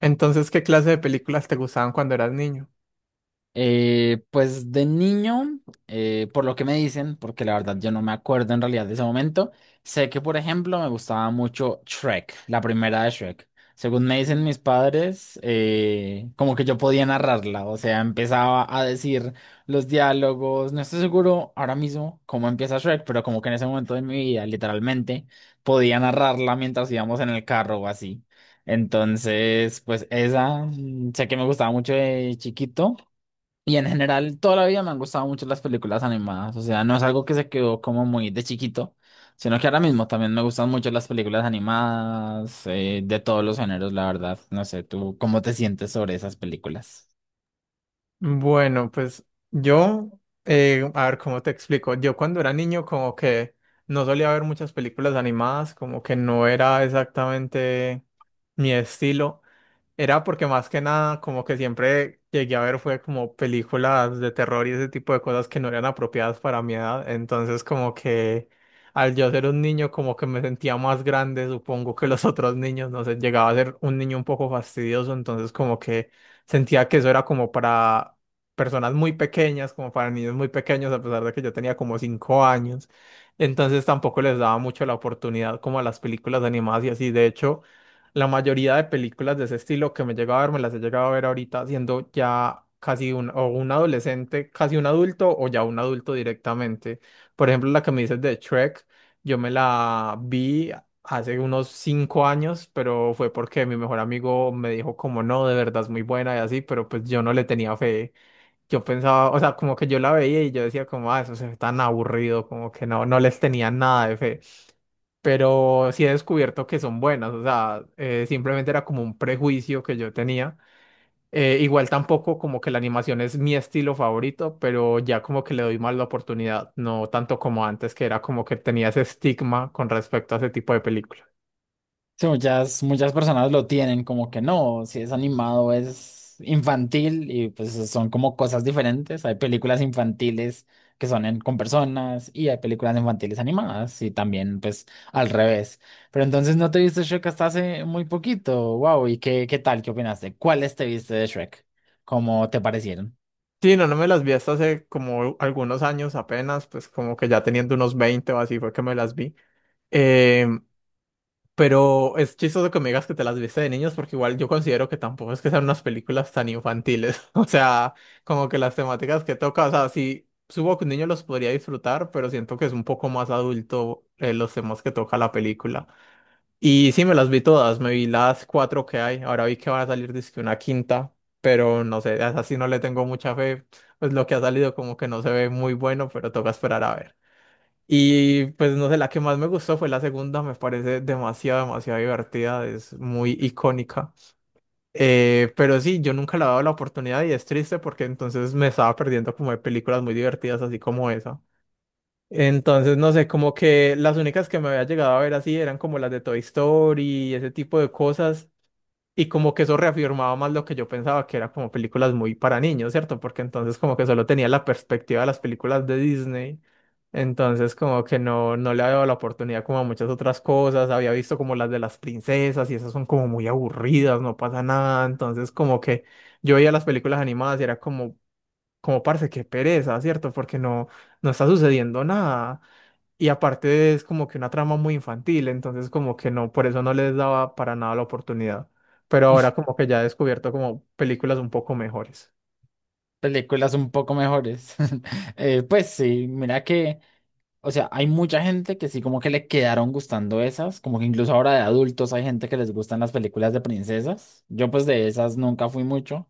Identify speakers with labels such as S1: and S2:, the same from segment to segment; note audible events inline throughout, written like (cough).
S1: Entonces, ¿qué clase de películas te gustaban cuando eras niño?
S2: Pues de niño, por lo que me dicen, porque la verdad yo no me acuerdo en realidad de ese momento, sé que por ejemplo me gustaba mucho Shrek, la primera de Shrek. Según me dicen mis padres, como que yo podía narrarla, o sea, empezaba a decir los diálogos, no estoy seguro ahora mismo cómo empieza Shrek, pero como que en ese momento de mi vida, literalmente, podía narrarla mientras íbamos en el carro o así. Entonces, pues esa, sé que me gustaba mucho de chiquito. Y en general, toda la vida me han gustado mucho las películas animadas. O sea, no es algo que se quedó como muy de chiquito, sino que ahora mismo también me gustan mucho las películas animadas, de todos los géneros, la verdad. No sé, ¿tú cómo te sientes sobre esas películas?
S1: Bueno, pues yo, a ver cómo te explico. Yo cuando era niño como que no solía ver muchas películas animadas, como que no era exactamente mi estilo. Era porque más que nada, como que siempre llegué a ver fue como películas de terror y ese tipo de cosas que no eran apropiadas para mi edad. Entonces, como que al yo ser un niño, como que me sentía más grande, supongo que los (laughs) otros niños, no sé, llegaba a ser un niño un poco fastidioso, entonces como que sentía que eso era como para personas muy pequeñas, como para niños muy pequeños, a pesar de que yo tenía como 5 años. Entonces tampoco les daba mucho la oportunidad como a las películas animadas y así. De hecho, la mayoría de películas de ese estilo que me he llegado a ver, me las he llegado a ver ahorita siendo ya casi un adolescente, casi un adulto o ya un adulto directamente. Por ejemplo, la que me dices de Shrek, yo me la vi hace unos 5 años, pero fue porque mi mejor amigo me dijo como no, de verdad es muy buena y así, pero pues yo no le tenía fe. Yo pensaba, o sea, como que yo la veía y yo decía como, ah, eso se ve tan aburrido, como que no, no les tenía nada de fe pero sí he descubierto que son buenas, o sea, simplemente era como un prejuicio que yo tenía. Igual tampoco como que la animación es mi estilo favorito, pero ya como que le doy más la oportunidad, no tanto como antes, que era como que tenía ese estigma con respecto a ese tipo de películas.
S2: Sí, muchas personas lo tienen como que no, si es animado es infantil y pues son como cosas diferentes. Hay películas infantiles que son en- con personas y hay películas infantiles animadas y también pues al revés. Pero entonces no te viste Shrek hasta hace muy poquito. Wow, ¿y qué tal? ¿Qué opinaste? ¿Cuáles te viste de Shrek? ¿Cómo te parecieron?
S1: Sí, no, no me las vi hasta hace como algunos años apenas, pues como que ya teniendo unos 20 o así fue que me las vi. Em, Pero es chistoso que me digas que te las viste de niños, porque igual yo considero que tampoco es que sean unas películas tan infantiles. (laughs) O sea, como que las temáticas que toca, o sea, sí, supongo que un niño los podría disfrutar, pero siento que es un poco más adulto los temas que toca la película. Y sí, me las vi todas, me vi las cuatro que hay. Ahora vi que van a salir dizque una quinta, pero no sé, a esa sí no le tengo mucha fe. Pues lo que ha salido como que no se ve muy bueno, pero toca esperar a ver. Y pues no sé, la que más me gustó fue la segunda, me parece demasiado, demasiado divertida, es muy icónica. Pero sí, yo nunca le he dado la oportunidad y es triste porque entonces me estaba perdiendo como de películas muy divertidas así como esa. Entonces, no sé, como que las únicas que me había llegado a ver así eran como las de Toy Story y ese tipo de cosas. Y como que eso reafirmaba más lo que yo pensaba, que era como películas muy para niños, ¿cierto? Porque entonces como que solo tenía la perspectiva de las películas de Disney. Entonces como que no, no le había dado la oportunidad como a muchas otras cosas. Había visto como las de las princesas y esas son como muy aburridas, no pasa nada. Entonces como que yo veía las películas animadas y era como, como parce, qué pereza, ¿cierto? Porque no, no está sucediendo nada. Y aparte es como que una trama muy infantil, entonces como que no, por eso no les daba para nada la oportunidad. Pero ahora como que ya he descubierto como películas un poco mejores.
S2: Películas un poco mejores. (laughs) Pues sí, mira que... O sea, hay mucha gente que sí como que le quedaron gustando esas, como que incluso ahora de adultos hay gente que les gustan las películas de princesas. Yo pues de esas nunca fui mucho,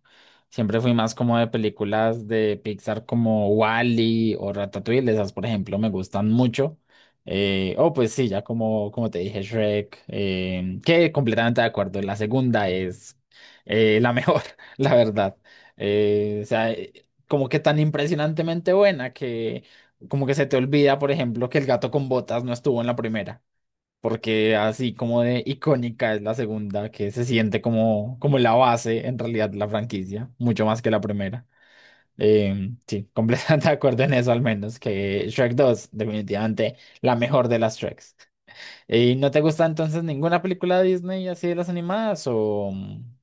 S2: siempre fui más como de películas de Pixar como Wall-E o Ratatouille, esas por ejemplo me gustan mucho. O pues sí, ya como te dije, Shrek, que completamente de acuerdo, la segunda es la mejor, (laughs) la verdad. Como que tan impresionantemente buena que como que se te olvida, por ejemplo, que el gato con botas no estuvo en la primera, porque así como de icónica es la segunda, que se siente como la base en realidad de la franquicia, mucho más que la primera. Sí, completamente (laughs) de acuerdo en eso al menos, que Shrek dos definitivamente la mejor de las Shreks. ¿Y no te gusta entonces ninguna película de Disney así de las animadas o...?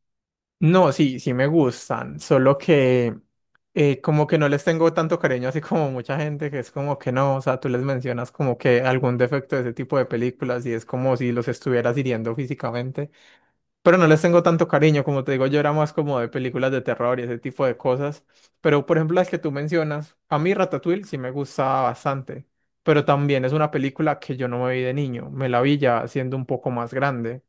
S1: No, sí, sí me gustan, solo que como que no les tengo tanto cariño así como mucha gente que es como que no, o sea, tú les mencionas como que algún defecto de ese tipo de películas y es como si los estuvieras hiriendo físicamente. Pero no les tengo tanto cariño, como te digo, yo era más como de películas de terror y ese tipo de cosas. Pero, por ejemplo, las que tú mencionas, a mí Ratatouille sí me gusta bastante, pero también es una película que yo no me vi de niño, me la vi ya siendo un poco más grande.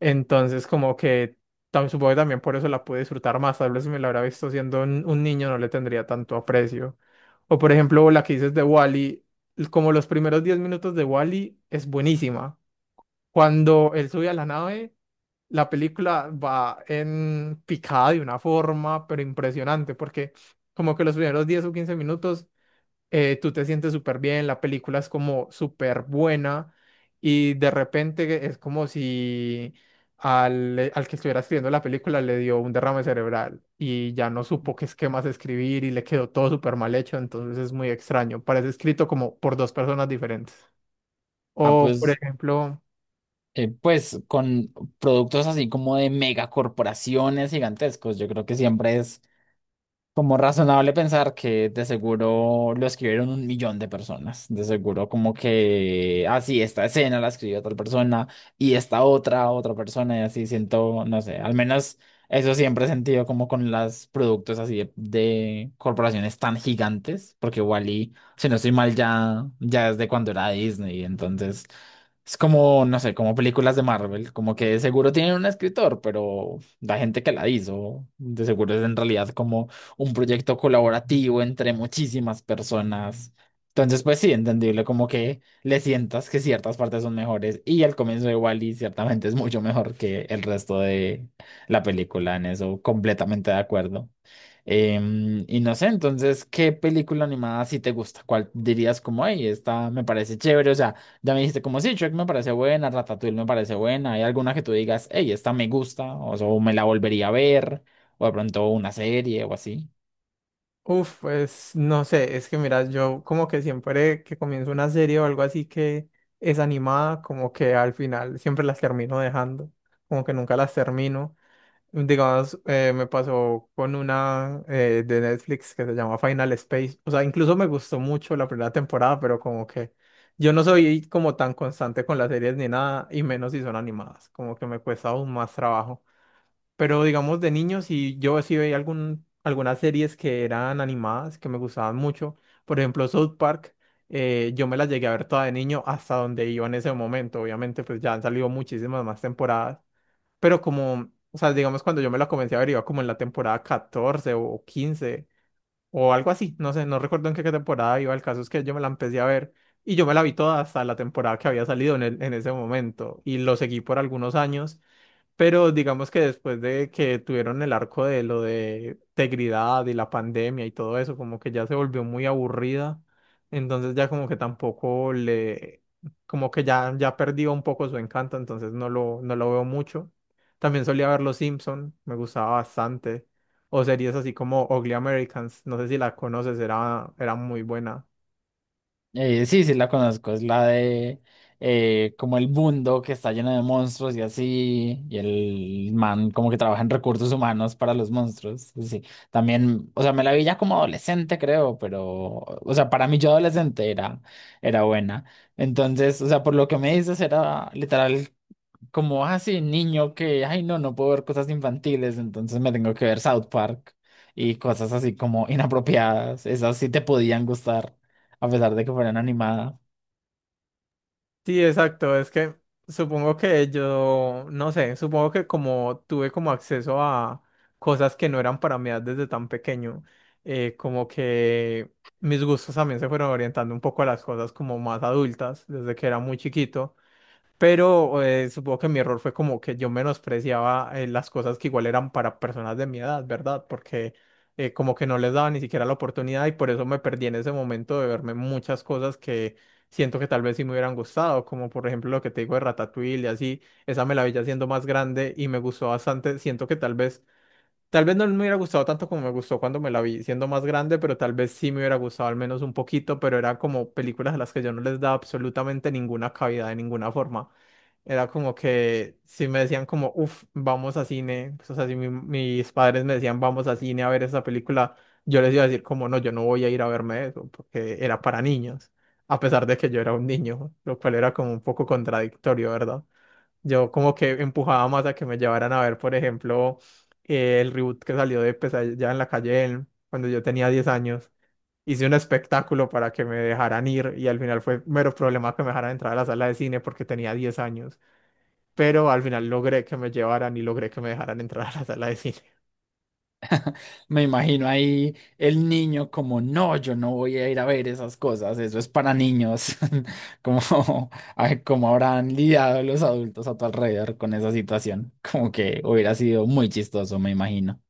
S1: Entonces, como que supongo que también por eso la pude disfrutar más. Tal vez si me la hubiera visto siendo un niño no le tendría tanto aprecio. O, por ejemplo, la que dices de Wally, como los primeros 10 minutos de Wally es buenísima. Cuando él sube a la nave. La película va en picada de una forma, pero impresionante, porque como que los primeros 10 o 15 minutos tú te sientes súper bien, la película es como súper buena y de repente es como si al que estuviera escribiendo la película le dio un derrame cerebral y ya no supo qué esquemas escribir y le quedó todo súper mal hecho, entonces es muy extraño, parece escrito como por dos personas diferentes.
S2: Ah,
S1: O, por
S2: pues,
S1: ejemplo...
S2: pues con productos así como de megacorporaciones gigantescos, yo creo que siempre es como razonable pensar que de seguro lo escribieron un millón de personas. De seguro como que, así esta escena la escribió tal persona y esta otra, otra persona y así siento, no sé, al menos eso siempre he sentido como con los productos así de corporaciones tan gigantes, porque Wally, si no estoy mal, ya es de cuando era Disney, entonces es como, no sé, como películas de Marvel, como que de seguro tienen un escritor, pero la gente que la hizo, de seguro es en realidad como un proyecto colaborativo entre muchísimas personas. Entonces, pues sí, entendible, como que le sientas que ciertas partes son mejores y el comienzo de Wall-E ciertamente es mucho mejor que el resto de la película, en eso completamente de acuerdo. Y no sé, entonces, ¿qué película animada sí te gusta? ¿Cuál dirías como, hey, esta me parece chévere? O sea, ya me dijiste como, sí, Shrek me parece buena, Ratatouille me parece buena, ¿hay alguna que tú digas, hey, esta me gusta? O sea, o me la volvería a ver, o de pronto una serie o así.
S1: Uf, pues no sé, es que mira, yo como que siempre que comienzo una serie o algo así que es animada, como que al final siempre las termino dejando, como que nunca las termino. Digamos, me pasó con una de Netflix que se llama Final Space, o sea, incluso me gustó mucho la primera temporada, pero como que yo no soy como tan constante con las series ni nada, y menos si son animadas, como que me cuesta aún más trabajo. Pero digamos de niños, y yo sí veía algunas series que eran animadas, que me gustaban mucho. Por ejemplo, South Park, yo me las llegué a ver toda de niño hasta donde iba en ese momento. Obviamente, pues ya han salido muchísimas más temporadas. Pero como, o sea, digamos cuando yo me la comencé a ver, iba como en la temporada 14 o 15 o algo así. No sé, no recuerdo en qué temporada iba. El caso es que yo me la empecé a ver y yo me la vi toda hasta la temporada que había salido en en ese momento. Y lo seguí por algunos años pero digamos que después de que tuvieron el arco de lo de integridad y la pandemia y todo eso, como que ya se volvió muy aburrida. Entonces ya como que tampoco le, como que ya perdió un poco su encanto, entonces no lo veo mucho. También solía ver Los Simpson, me gustaba bastante. O series así como Ugly Americans, no sé si la conoces, era muy buena.
S2: Sí, sí la conozco, es la de como el mundo que está lleno de monstruos y así, y el man como que trabaja en recursos humanos para los monstruos, sí, también, o sea, me la vi ya como adolescente creo, pero, o sea, para mí yo adolescente era buena, entonces, o sea, por lo que me dices era literal como así niño que, ay no, no puedo ver cosas infantiles, entonces me tengo que ver South Park y cosas así como inapropiadas, esas sí te podían gustar, a pesar de que fueran animadas.
S1: Sí, exacto. Es que supongo que yo, no sé, supongo que como tuve como acceso a cosas que no eran para mí desde tan pequeño, como que mis gustos también se fueron orientando un poco a las cosas como más adultas desde que era muy chiquito. Pero supongo que mi error fue como que yo menospreciaba las cosas que igual eran para personas de mi edad, ¿verdad? Porque como que no les daba ni siquiera la oportunidad y por eso me perdí en ese momento de verme muchas cosas que siento que tal vez sí me hubieran gustado, como por ejemplo lo que te digo de Ratatouille y así, esa me la vi ya siendo más grande y me gustó bastante, siento que tal vez no me hubiera gustado tanto como me gustó cuando me la vi siendo más grande, pero tal vez sí me hubiera gustado al menos un poquito, pero eran como películas a las que yo no les daba absolutamente ninguna cabida de ninguna forma. Era como que si me decían como, uff, vamos a cine, pues, o sea, si mis padres me decían, vamos a cine a ver esa película, yo les iba a decir como, no, yo no voy a ir a verme eso, porque era para niños, a pesar de que yo era un niño, lo cual era como un poco contradictorio, ¿verdad? Yo como que empujaba más a que me llevaran a ver, por ejemplo, el reboot que salió de Pesadilla en la calle, cuando yo tenía 10 años. Hice un espectáculo para que me dejaran ir y al final fue mero problema que me dejaran entrar a la sala de cine porque tenía 10 años pero al final logré que me llevaran y logré que me dejaran entrar a la sala de cine.
S2: Me imagino ahí el niño como, no, yo no voy a ir a ver esas cosas, eso es para niños, (laughs) como, ay, como habrán lidiado los adultos a tu alrededor con esa situación, como que hubiera sido muy chistoso, me imagino.